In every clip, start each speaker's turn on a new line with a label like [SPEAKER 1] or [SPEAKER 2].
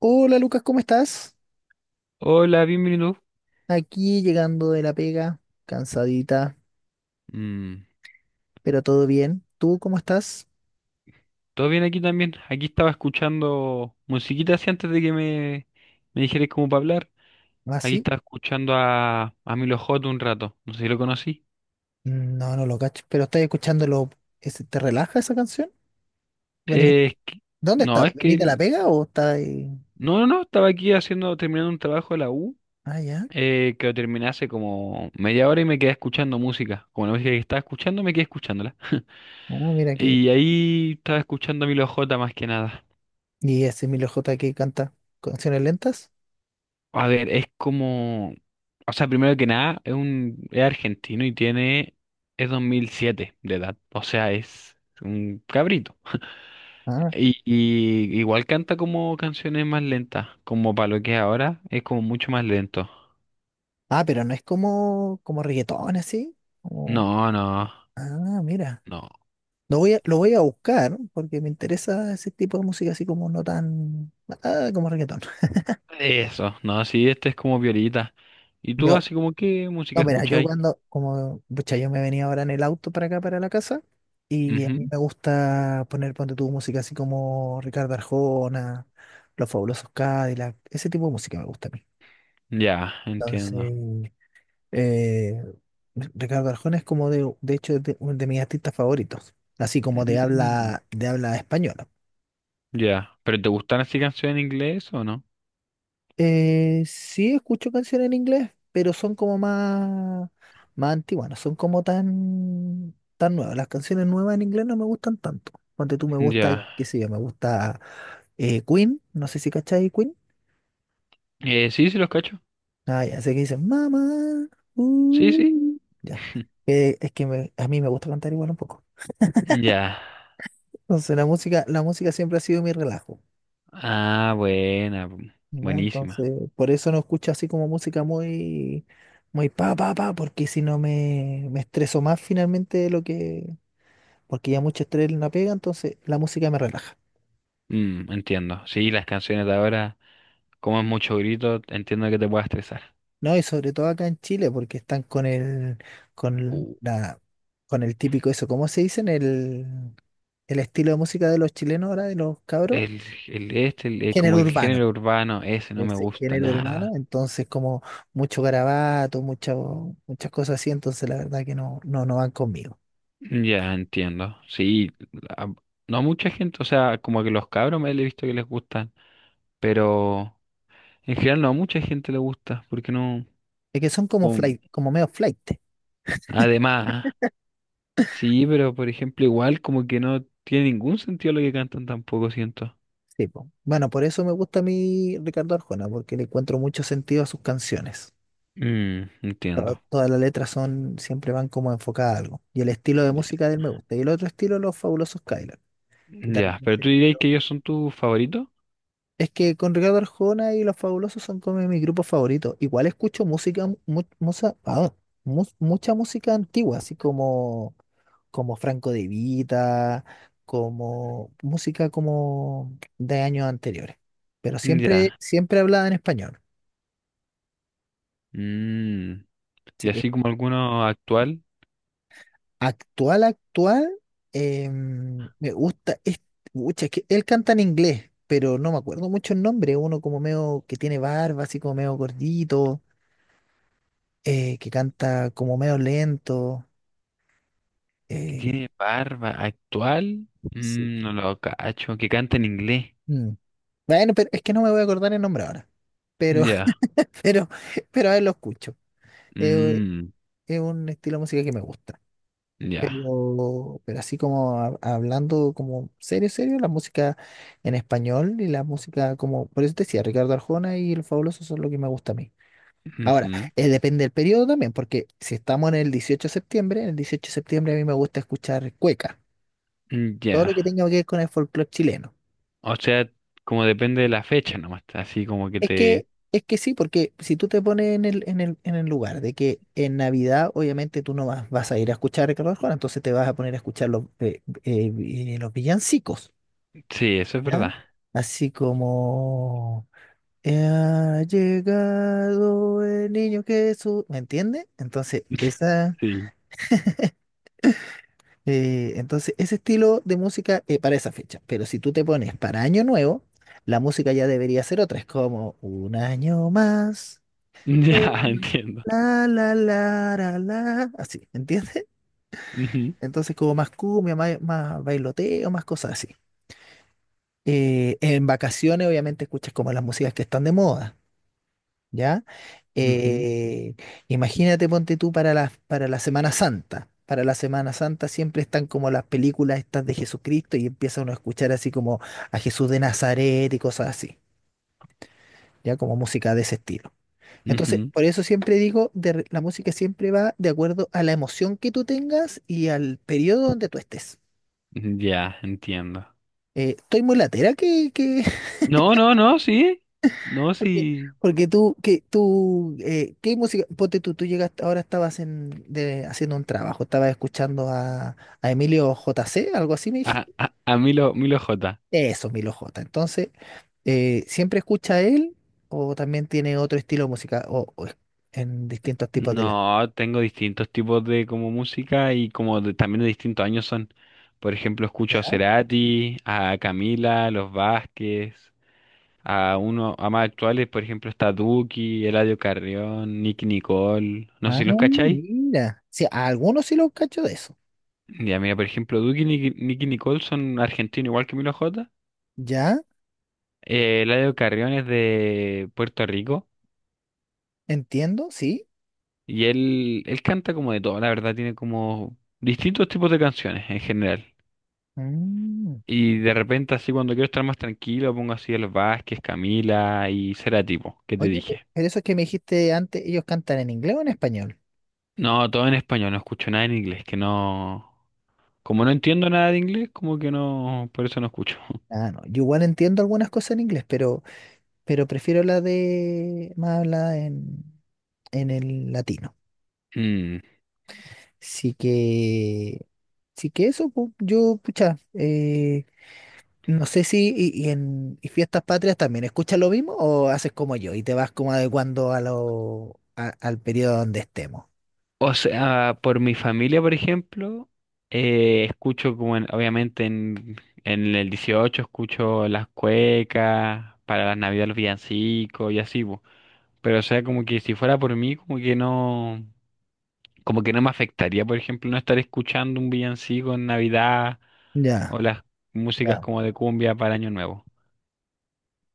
[SPEAKER 1] Hola Lucas, ¿cómo estás?
[SPEAKER 2] Hola, bienvenido.
[SPEAKER 1] Aquí llegando de la pega, cansadita,
[SPEAKER 2] Mm,
[SPEAKER 1] pero todo bien. ¿Tú cómo estás?
[SPEAKER 2] ¿todo bien aquí también? Aquí estaba escuchando musiquita así antes de que me dijeras cómo para hablar.
[SPEAKER 1] ¿Ah,
[SPEAKER 2] Aquí
[SPEAKER 1] sí?
[SPEAKER 2] estaba escuchando a Milo J un rato. No sé si lo conocí.
[SPEAKER 1] Mm, no, no lo cacho, pero estás escuchándolo. ¿Te relaja esa canción? ¿Venís-
[SPEAKER 2] Eh, es que-
[SPEAKER 1] ¿Dónde
[SPEAKER 2] no,
[SPEAKER 1] estás?
[SPEAKER 2] es que...
[SPEAKER 1] ¿Venís de la pega o estás ahí?
[SPEAKER 2] No, no, no. Estaba aquí haciendo, terminando un trabajo de la U.
[SPEAKER 1] Ah, ya.
[SPEAKER 2] Que lo terminé hace como media hora y me quedé escuchando música. Como la música que estaba escuchando, me quedé escuchándola.
[SPEAKER 1] Ah, mira que.
[SPEAKER 2] Y ahí estaba escuchando a Milo J más que nada.
[SPEAKER 1] ¿Y ese Emilio J que canta canciones lentas?
[SPEAKER 2] A ver, es como, o sea, primero que nada, es es argentino y es 2007 de edad, o sea, es un cabrito.
[SPEAKER 1] Ah,
[SPEAKER 2] Y igual canta como canciones más lentas, como para lo que es ahora, es como mucho más lento.
[SPEAKER 1] ah, pero no es como, como reggaetón así. Como-
[SPEAKER 2] No, no,
[SPEAKER 1] Ah, mira.
[SPEAKER 2] no,
[SPEAKER 1] Lo voy a buscar porque me interesa ese tipo de música así como no tan. Ah, como reggaetón.
[SPEAKER 2] eso, no, sí, este es como violita. ¿Y tú
[SPEAKER 1] Yo,
[SPEAKER 2] así como qué música
[SPEAKER 1] no, mira, yo
[SPEAKER 2] escucháis?
[SPEAKER 1] cuando, como, pucha, yo me venía ahora en el auto para acá, para la casa, y a mí
[SPEAKER 2] Ujú.
[SPEAKER 1] me gusta poner, ponte tu música así como Ricardo Arjona, Los Fabulosos Cadillac, ese tipo de música me gusta a mí.
[SPEAKER 2] Ya, entiendo.
[SPEAKER 1] Entonces, eh, Ricardo Arjona es como de hecho, es de, uno de mis artistas favoritos, así como
[SPEAKER 2] Mm,
[SPEAKER 1] de habla española.
[SPEAKER 2] ya, ¿pero te gustan así canciones en inglés o no?
[SPEAKER 1] Sí escucho canciones en inglés, pero son como más, más antiguas, no son como tan, tan nuevas. Las canciones nuevas en inglés no me gustan tanto. Ponte tú me gusta,
[SPEAKER 2] Ya,
[SPEAKER 1] ya, qué sé yo, me gusta Queen, no sé si cachai Queen.
[SPEAKER 2] sí los cacho.
[SPEAKER 1] Ah, ya sé que dicen mamá,
[SPEAKER 2] Sí, sí.
[SPEAKER 1] ya. A mí me gusta cantar igual un poco.
[SPEAKER 2] Ya.
[SPEAKER 1] Entonces la música siempre ha sido mi relajo.
[SPEAKER 2] Ah, buena.
[SPEAKER 1] Ya,
[SPEAKER 2] Buenísima.
[SPEAKER 1] entonces, por eso no escucho así como música muy, muy pa, pa, pa, porque si no me estreso más finalmente de lo que, porque ya mucho estrés no pega, entonces la música me relaja.
[SPEAKER 2] Mm, entiendo. Sí, las canciones de ahora, como es mucho grito, entiendo que te pueda estresar.
[SPEAKER 1] No, y sobre todo acá en Chile, porque están con el, con
[SPEAKER 2] Uh,
[SPEAKER 1] la, con el típico eso, ¿cómo se dicen? El estilo de música de los chilenos ahora, de los cabros,
[SPEAKER 2] el,
[SPEAKER 1] género
[SPEAKER 2] como el
[SPEAKER 1] urbano.
[SPEAKER 2] género urbano, ese no me
[SPEAKER 1] Ese
[SPEAKER 2] gusta
[SPEAKER 1] género urbano,
[SPEAKER 2] nada.
[SPEAKER 1] entonces como mucho garabato, mucho, muchas cosas así, entonces la verdad que no, no, no van conmigo.
[SPEAKER 2] Ya, entiendo. Sí, a- no a mucha gente, o sea, como que los cabros me he visto que les gustan, pero en general no a mucha gente le gusta, porque no,
[SPEAKER 1] Es que son como
[SPEAKER 2] como,
[SPEAKER 1] flight, como medio flight.
[SPEAKER 2] además, sí, pero por ejemplo, igual como que no tiene ningún sentido lo que cantan tampoco, siento.
[SPEAKER 1] Sí, po. Bueno, por eso me gusta a mí Ricardo Arjona, porque le encuentro mucho sentido a sus canciones.
[SPEAKER 2] Mm, entiendo.
[SPEAKER 1] Todas las letras son, siempre van como enfocadas a algo. Y el estilo de
[SPEAKER 2] Ya.
[SPEAKER 1] música de él me gusta. Y el otro estilo, Los Fabulosos Kylan, que también
[SPEAKER 2] Ya, pero
[SPEAKER 1] es
[SPEAKER 2] tú dirías que
[SPEAKER 1] estilo.
[SPEAKER 2] ellos son tus favoritos.
[SPEAKER 1] Es que con Ricardo Arjona y Los Fabulosos son como mis grupos favoritos. Igual escucho música, mucha, ah, mucha música antigua, así como como Franco De Vita, como música como de años anteriores. Pero siempre,
[SPEAKER 2] Ya.
[SPEAKER 1] siempre hablaba en español.
[SPEAKER 2] Mm, y
[SPEAKER 1] Sí.
[SPEAKER 2] así como alguno actual
[SPEAKER 1] Actual, actual, me gusta, es, pucha, es que él canta en inglés, pero no me acuerdo mucho el nombre, uno como medio que tiene barba, así como medio gordito, que canta como medio lento.
[SPEAKER 2] que
[SPEAKER 1] eh,
[SPEAKER 2] tiene barba actual,
[SPEAKER 1] Sí.
[SPEAKER 2] mm, no lo cacho, que canta en inglés.
[SPEAKER 1] Mm. Bueno, pero es que no me voy a acordar el nombre ahora. Pero,
[SPEAKER 2] Ya.
[SPEAKER 1] pero, pero a él lo escucho. Eh,
[SPEAKER 2] Mm,
[SPEAKER 1] es un estilo de música que me gusta.
[SPEAKER 2] ya.
[SPEAKER 1] Pero así como hablando como serio, serio, la música en español y la música como, por eso te decía, Ricardo Arjona y El Fabuloso son lo que me gusta a mí. Ahora,
[SPEAKER 2] Ujú.
[SPEAKER 1] depende del periodo también, porque si estamos en el 18 de septiembre, el 18 de septiembre a mí me gusta escuchar cueca, todo
[SPEAKER 2] Ya.
[SPEAKER 1] lo que tenga que ver con el folclore chileno.
[SPEAKER 2] O sea, como depende de la fecha nomás, así como que te...
[SPEAKER 1] Es que sí, porque si tú te pones en el, en el, en el lugar de que en Navidad, obviamente tú no vas, vas a ir a escuchar a Ricardo Arjona, entonces te vas a poner a escuchar los, los villancicos,
[SPEAKER 2] Sí, eso es
[SPEAKER 1] ¿ya?
[SPEAKER 2] verdad.
[SPEAKER 1] Así como ha llegado el niño Jesús, ¿me entiendes? Entonces, esa,
[SPEAKER 2] Sí.
[SPEAKER 1] entonces, ese estilo de música para esa fecha. Pero si tú te pones para Año Nuevo, la música ya debería ser otra. Es como un año más. eh,
[SPEAKER 2] Ya, entiendo.
[SPEAKER 1] La, la, la, la, la, así, ¿entiendes?
[SPEAKER 2] Ujú,
[SPEAKER 1] Entonces como más cumbia, más, más bailoteo, más cosas así. En vacaciones obviamente escuchas como las músicas que están de moda, ¿ya?
[SPEAKER 2] ujú,
[SPEAKER 1] Eh, Imagínate, ponte tú para la Semana Santa. Para la Semana Santa siempre están como las películas estas de Jesucristo y empieza uno a escuchar así como a Jesús de Nazaret y cosas así, ¿ya? Como música de ese estilo. Entonces,
[SPEAKER 2] ujú.
[SPEAKER 1] por eso siempre digo, la música siempre va de acuerdo a la emoción que tú tengas y al periodo donde tú estés.
[SPEAKER 2] Ya, entiendo.
[SPEAKER 1] Estoy muy latera que
[SPEAKER 2] No, no, no, sí. No,
[SPEAKER 1] porque,
[SPEAKER 2] sí.
[SPEAKER 1] porque tú, ¿qué música? Ponte tú, tú llegaste, ahora estabas en, haciendo un trabajo, estabas escuchando a Emilio J C, algo así me dijiste.
[SPEAKER 2] A Milo, Milo J.
[SPEAKER 1] Eso, Milo J. Entonces, siempre escucha a él o también tiene otro estilo de música o en distintos tipos de la...
[SPEAKER 2] No, tengo distintos tipos de como música y como también de distintos años son. Por ejemplo, escucho a Cerati, a Camila, los Vázquez, a más actuales, por ejemplo, está Duki, Eladio Carrión, Nicky Nicole. No sé
[SPEAKER 1] Ah,
[SPEAKER 2] si los cacháis.
[SPEAKER 1] mira. Sí, a algunos sí los cacho de eso.
[SPEAKER 2] Ya, mira, por ejemplo, Duki y Nicky, Nicole son argentinos igual que Milo J.
[SPEAKER 1] Ya,
[SPEAKER 2] Eladio Carrión es de Puerto Rico
[SPEAKER 1] entiendo, sí.
[SPEAKER 2] y él canta como de todo, la verdad, tiene como distintos tipos de canciones en general.
[SPEAKER 1] Mm.
[SPEAKER 2] Y de repente así cuando quiero estar más tranquilo pongo así a los Vázquez, Camila y Cerati, po, que te
[SPEAKER 1] Oye,
[SPEAKER 2] dije.
[SPEAKER 1] pero eso que me dijiste antes, ¿ellos cantan en inglés o en español?
[SPEAKER 2] No, todo en español, no escucho nada en inglés, que no... Como no entiendo nada de inglés, como que no, por eso no escucho.
[SPEAKER 1] Ah, no. Yo igual entiendo algunas cosas en inglés, pero prefiero la de más hablada en el latino.
[SPEAKER 2] Mm,
[SPEAKER 1] Sí que, sí que eso, yo, pucha, no sé si y fiestas patrias también escuchas lo mismo o haces como yo y te vas como adecuando a lo, al periodo donde estemos.
[SPEAKER 2] o sea, por mi familia, por ejemplo, escucho como obviamente en el 18 escucho las cuecas, para las navidades los villancicos y así, po. Pero o sea, como que si fuera por mí, como que no me afectaría, por ejemplo, no estar escuchando un villancico en Navidad
[SPEAKER 1] Ya,
[SPEAKER 2] o las músicas
[SPEAKER 1] ya,
[SPEAKER 2] como de cumbia para Año Nuevo.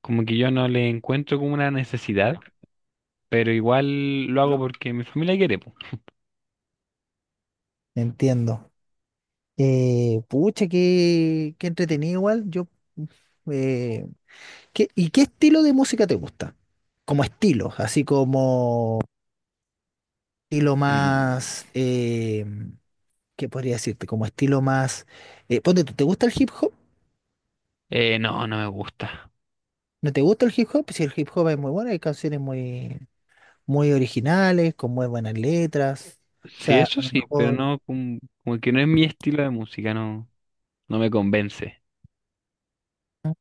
[SPEAKER 2] Como que yo no le encuentro como una necesidad, pero igual lo hago porque mi familia quiere, po.
[SPEAKER 1] entiendo. Pucha, qué, qué entretenido igual. Yo, eh, ¿y qué estilo de música te gusta? Como estilo, así como estilo más,
[SPEAKER 2] Mm,
[SPEAKER 1] ¿qué podría decirte? Como estilo más, ponte tú, ¿te gusta el hip hop?
[SPEAKER 2] no, no me gusta.
[SPEAKER 1] ¿No te gusta el hip hop? Si el hip hop es muy bueno, hay canciones muy, muy originales, con muy buenas letras. O
[SPEAKER 2] Sí,
[SPEAKER 1] sea,
[SPEAKER 2] eso
[SPEAKER 1] a lo
[SPEAKER 2] sí, pero
[SPEAKER 1] mejor,
[SPEAKER 2] no, como, como que no es mi estilo de música, no, no me convence.
[SPEAKER 1] ¿mm?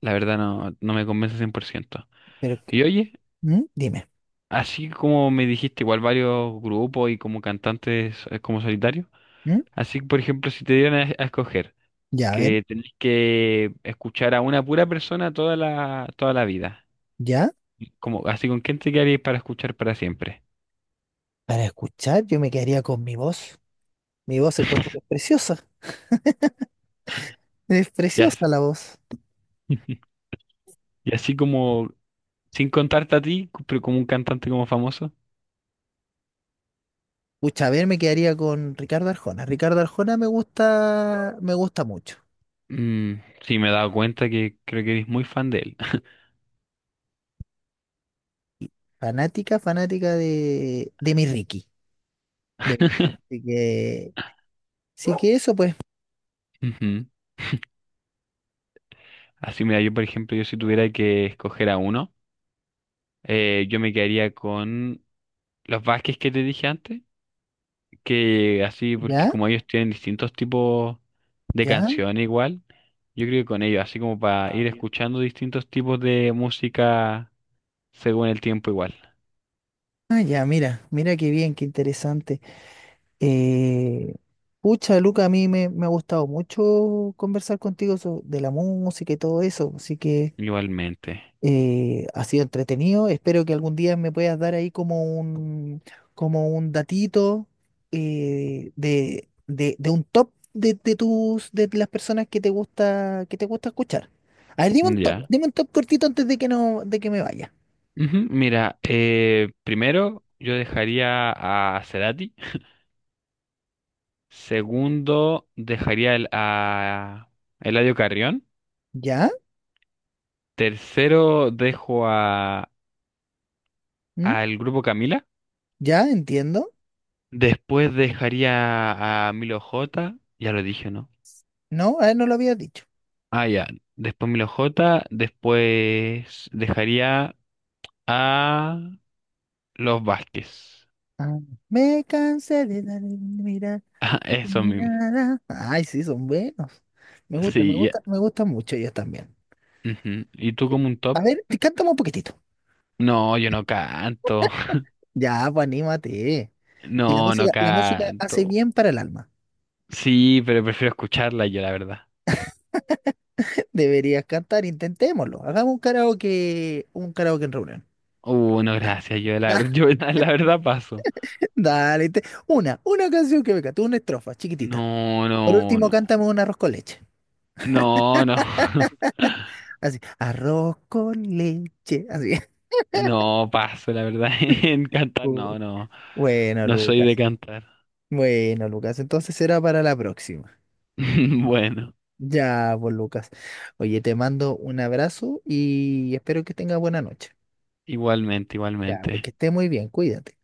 [SPEAKER 2] La verdad no, no me convence 100%.
[SPEAKER 1] Pero,
[SPEAKER 2] Y oye,
[SPEAKER 1] ¿mm? Dime,
[SPEAKER 2] así como me dijiste, igual varios grupos y como cantantes, como solitario,
[SPEAKER 1] ¿mm?
[SPEAKER 2] así por ejemplo, si te dieran a escoger
[SPEAKER 1] Ya, a ver,
[SPEAKER 2] que tenés que escuchar a una pura persona toda la vida,
[SPEAKER 1] ya.
[SPEAKER 2] como, así con quién te quedarías para escuchar para siempre.
[SPEAKER 1] Para escuchar, yo me quedaría con mi voz. Mi voz encuentro que es preciosa. Es
[SPEAKER 2] Ya sé.
[SPEAKER 1] preciosa la voz.
[SPEAKER 2] Y así como, sin contarte a ti, pero como un cantante como famoso.
[SPEAKER 1] Pucha, a ver, me quedaría con Ricardo Arjona. Ricardo Arjona me gusta mucho.
[SPEAKER 2] Mm, sí, me he dado cuenta que creo que eres muy fan de él.
[SPEAKER 1] Fanática, fanática de mi Ricky. De mi- Así que, sí que eso, pues.
[SPEAKER 2] Ujú. Así, mira, yo por ejemplo, yo si tuviera que escoger a uno, yo me quedaría con los Vázquez que te dije antes, que así, porque
[SPEAKER 1] Ya,
[SPEAKER 2] como ellos tienen distintos tipos de
[SPEAKER 1] ya,
[SPEAKER 2] canciones igual, yo creo que con ellos, así como para ir escuchando distintos tipos de música según el tiempo igual.
[SPEAKER 1] ah, ya, mira, mira qué bien, qué interesante. Eh, Pucha, Luca, a mí me ha gustado mucho conversar contigo de la música y todo eso. Así que.
[SPEAKER 2] Igualmente.
[SPEAKER 1] Ha sido entretenido. Espero que algún día me puedas dar ahí como un datito de un top de tus, de las personas que te gusta escuchar. A ver,
[SPEAKER 2] Ya.
[SPEAKER 1] dime un top cortito antes de que no, de que me vaya.
[SPEAKER 2] Ujú, mira, primero yo dejaría a Cerati. Segundo, dejaría a Eladio Carrión.
[SPEAKER 1] ¿Ya?
[SPEAKER 2] Tercero, dejo a
[SPEAKER 1] ¿Mm?
[SPEAKER 2] al grupo Camila.
[SPEAKER 1] ¿Ya? Entiendo.
[SPEAKER 2] Después dejaría a Milo J. Ya lo dije, ¿no?
[SPEAKER 1] No, a ver, no lo habías dicho.
[SPEAKER 2] Ah, ya. Después Milo J. Después dejaría a los Vázquez.
[SPEAKER 1] Ah, me cansé de dar mirar
[SPEAKER 2] Ah,
[SPEAKER 1] a tu
[SPEAKER 2] eso mismo.
[SPEAKER 1] mirada. Ay, sí, son buenos. Me gusta, me
[SPEAKER 2] Sí, ya.
[SPEAKER 1] gusta, me gustan mucho ellos también.
[SPEAKER 2] Ujú. ¿Y tú como un
[SPEAKER 1] A
[SPEAKER 2] top?
[SPEAKER 1] ver, cántame un poquitito.
[SPEAKER 2] No, yo no canto.
[SPEAKER 1] Ya, pues anímate. Si la
[SPEAKER 2] No, no
[SPEAKER 1] música, la música hace
[SPEAKER 2] canto.
[SPEAKER 1] bien para el alma.
[SPEAKER 2] Sí, pero prefiero escucharla yo, la verdad.
[SPEAKER 1] Deberías cantar, intentémoslo. Hagamos un karaoke en reunión.
[SPEAKER 2] No,
[SPEAKER 1] Dale,
[SPEAKER 2] gracias.
[SPEAKER 1] dale,
[SPEAKER 2] Yo la verdad paso.
[SPEAKER 1] dale. Una canción que me cante, una estrofa chiquitita.
[SPEAKER 2] No,
[SPEAKER 1] Por
[SPEAKER 2] no,
[SPEAKER 1] último,
[SPEAKER 2] no.
[SPEAKER 1] cántame un arroz con leche.
[SPEAKER 2] No, no.
[SPEAKER 1] Así, arroz con leche. Así.
[SPEAKER 2] No paso, la verdad. En cantar,
[SPEAKER 1] Uy,
[SPEAKER 2] no, no.
[SPEAKER 1] bueno,
[SPEAKER 2] No soy de
[SPEAKER 1] Lucas.
[SPEAKER 2] cantar.
[SPEAKER 1] Bueno, Lucas, entonces será para la próxima.
[SPEAKER 2] Bueno,
[SPEAKER 1] Ya, pues, Lucas. Oye, te mando un abrazo y espero que tengas buena noche.
[SPEAKER 2] igualmente,
[SPEAKER 1] Ya, porque
[SPEAKER 2] igualmente.
[SPEAKER 1] esté muy bien, cuídate.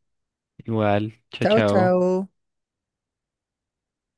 [SPEAKER 2] Igual. Chao,
[SPEAKER 1] Chao,
[SPEAKER 2] chao.
[SPEAKER 1] chao.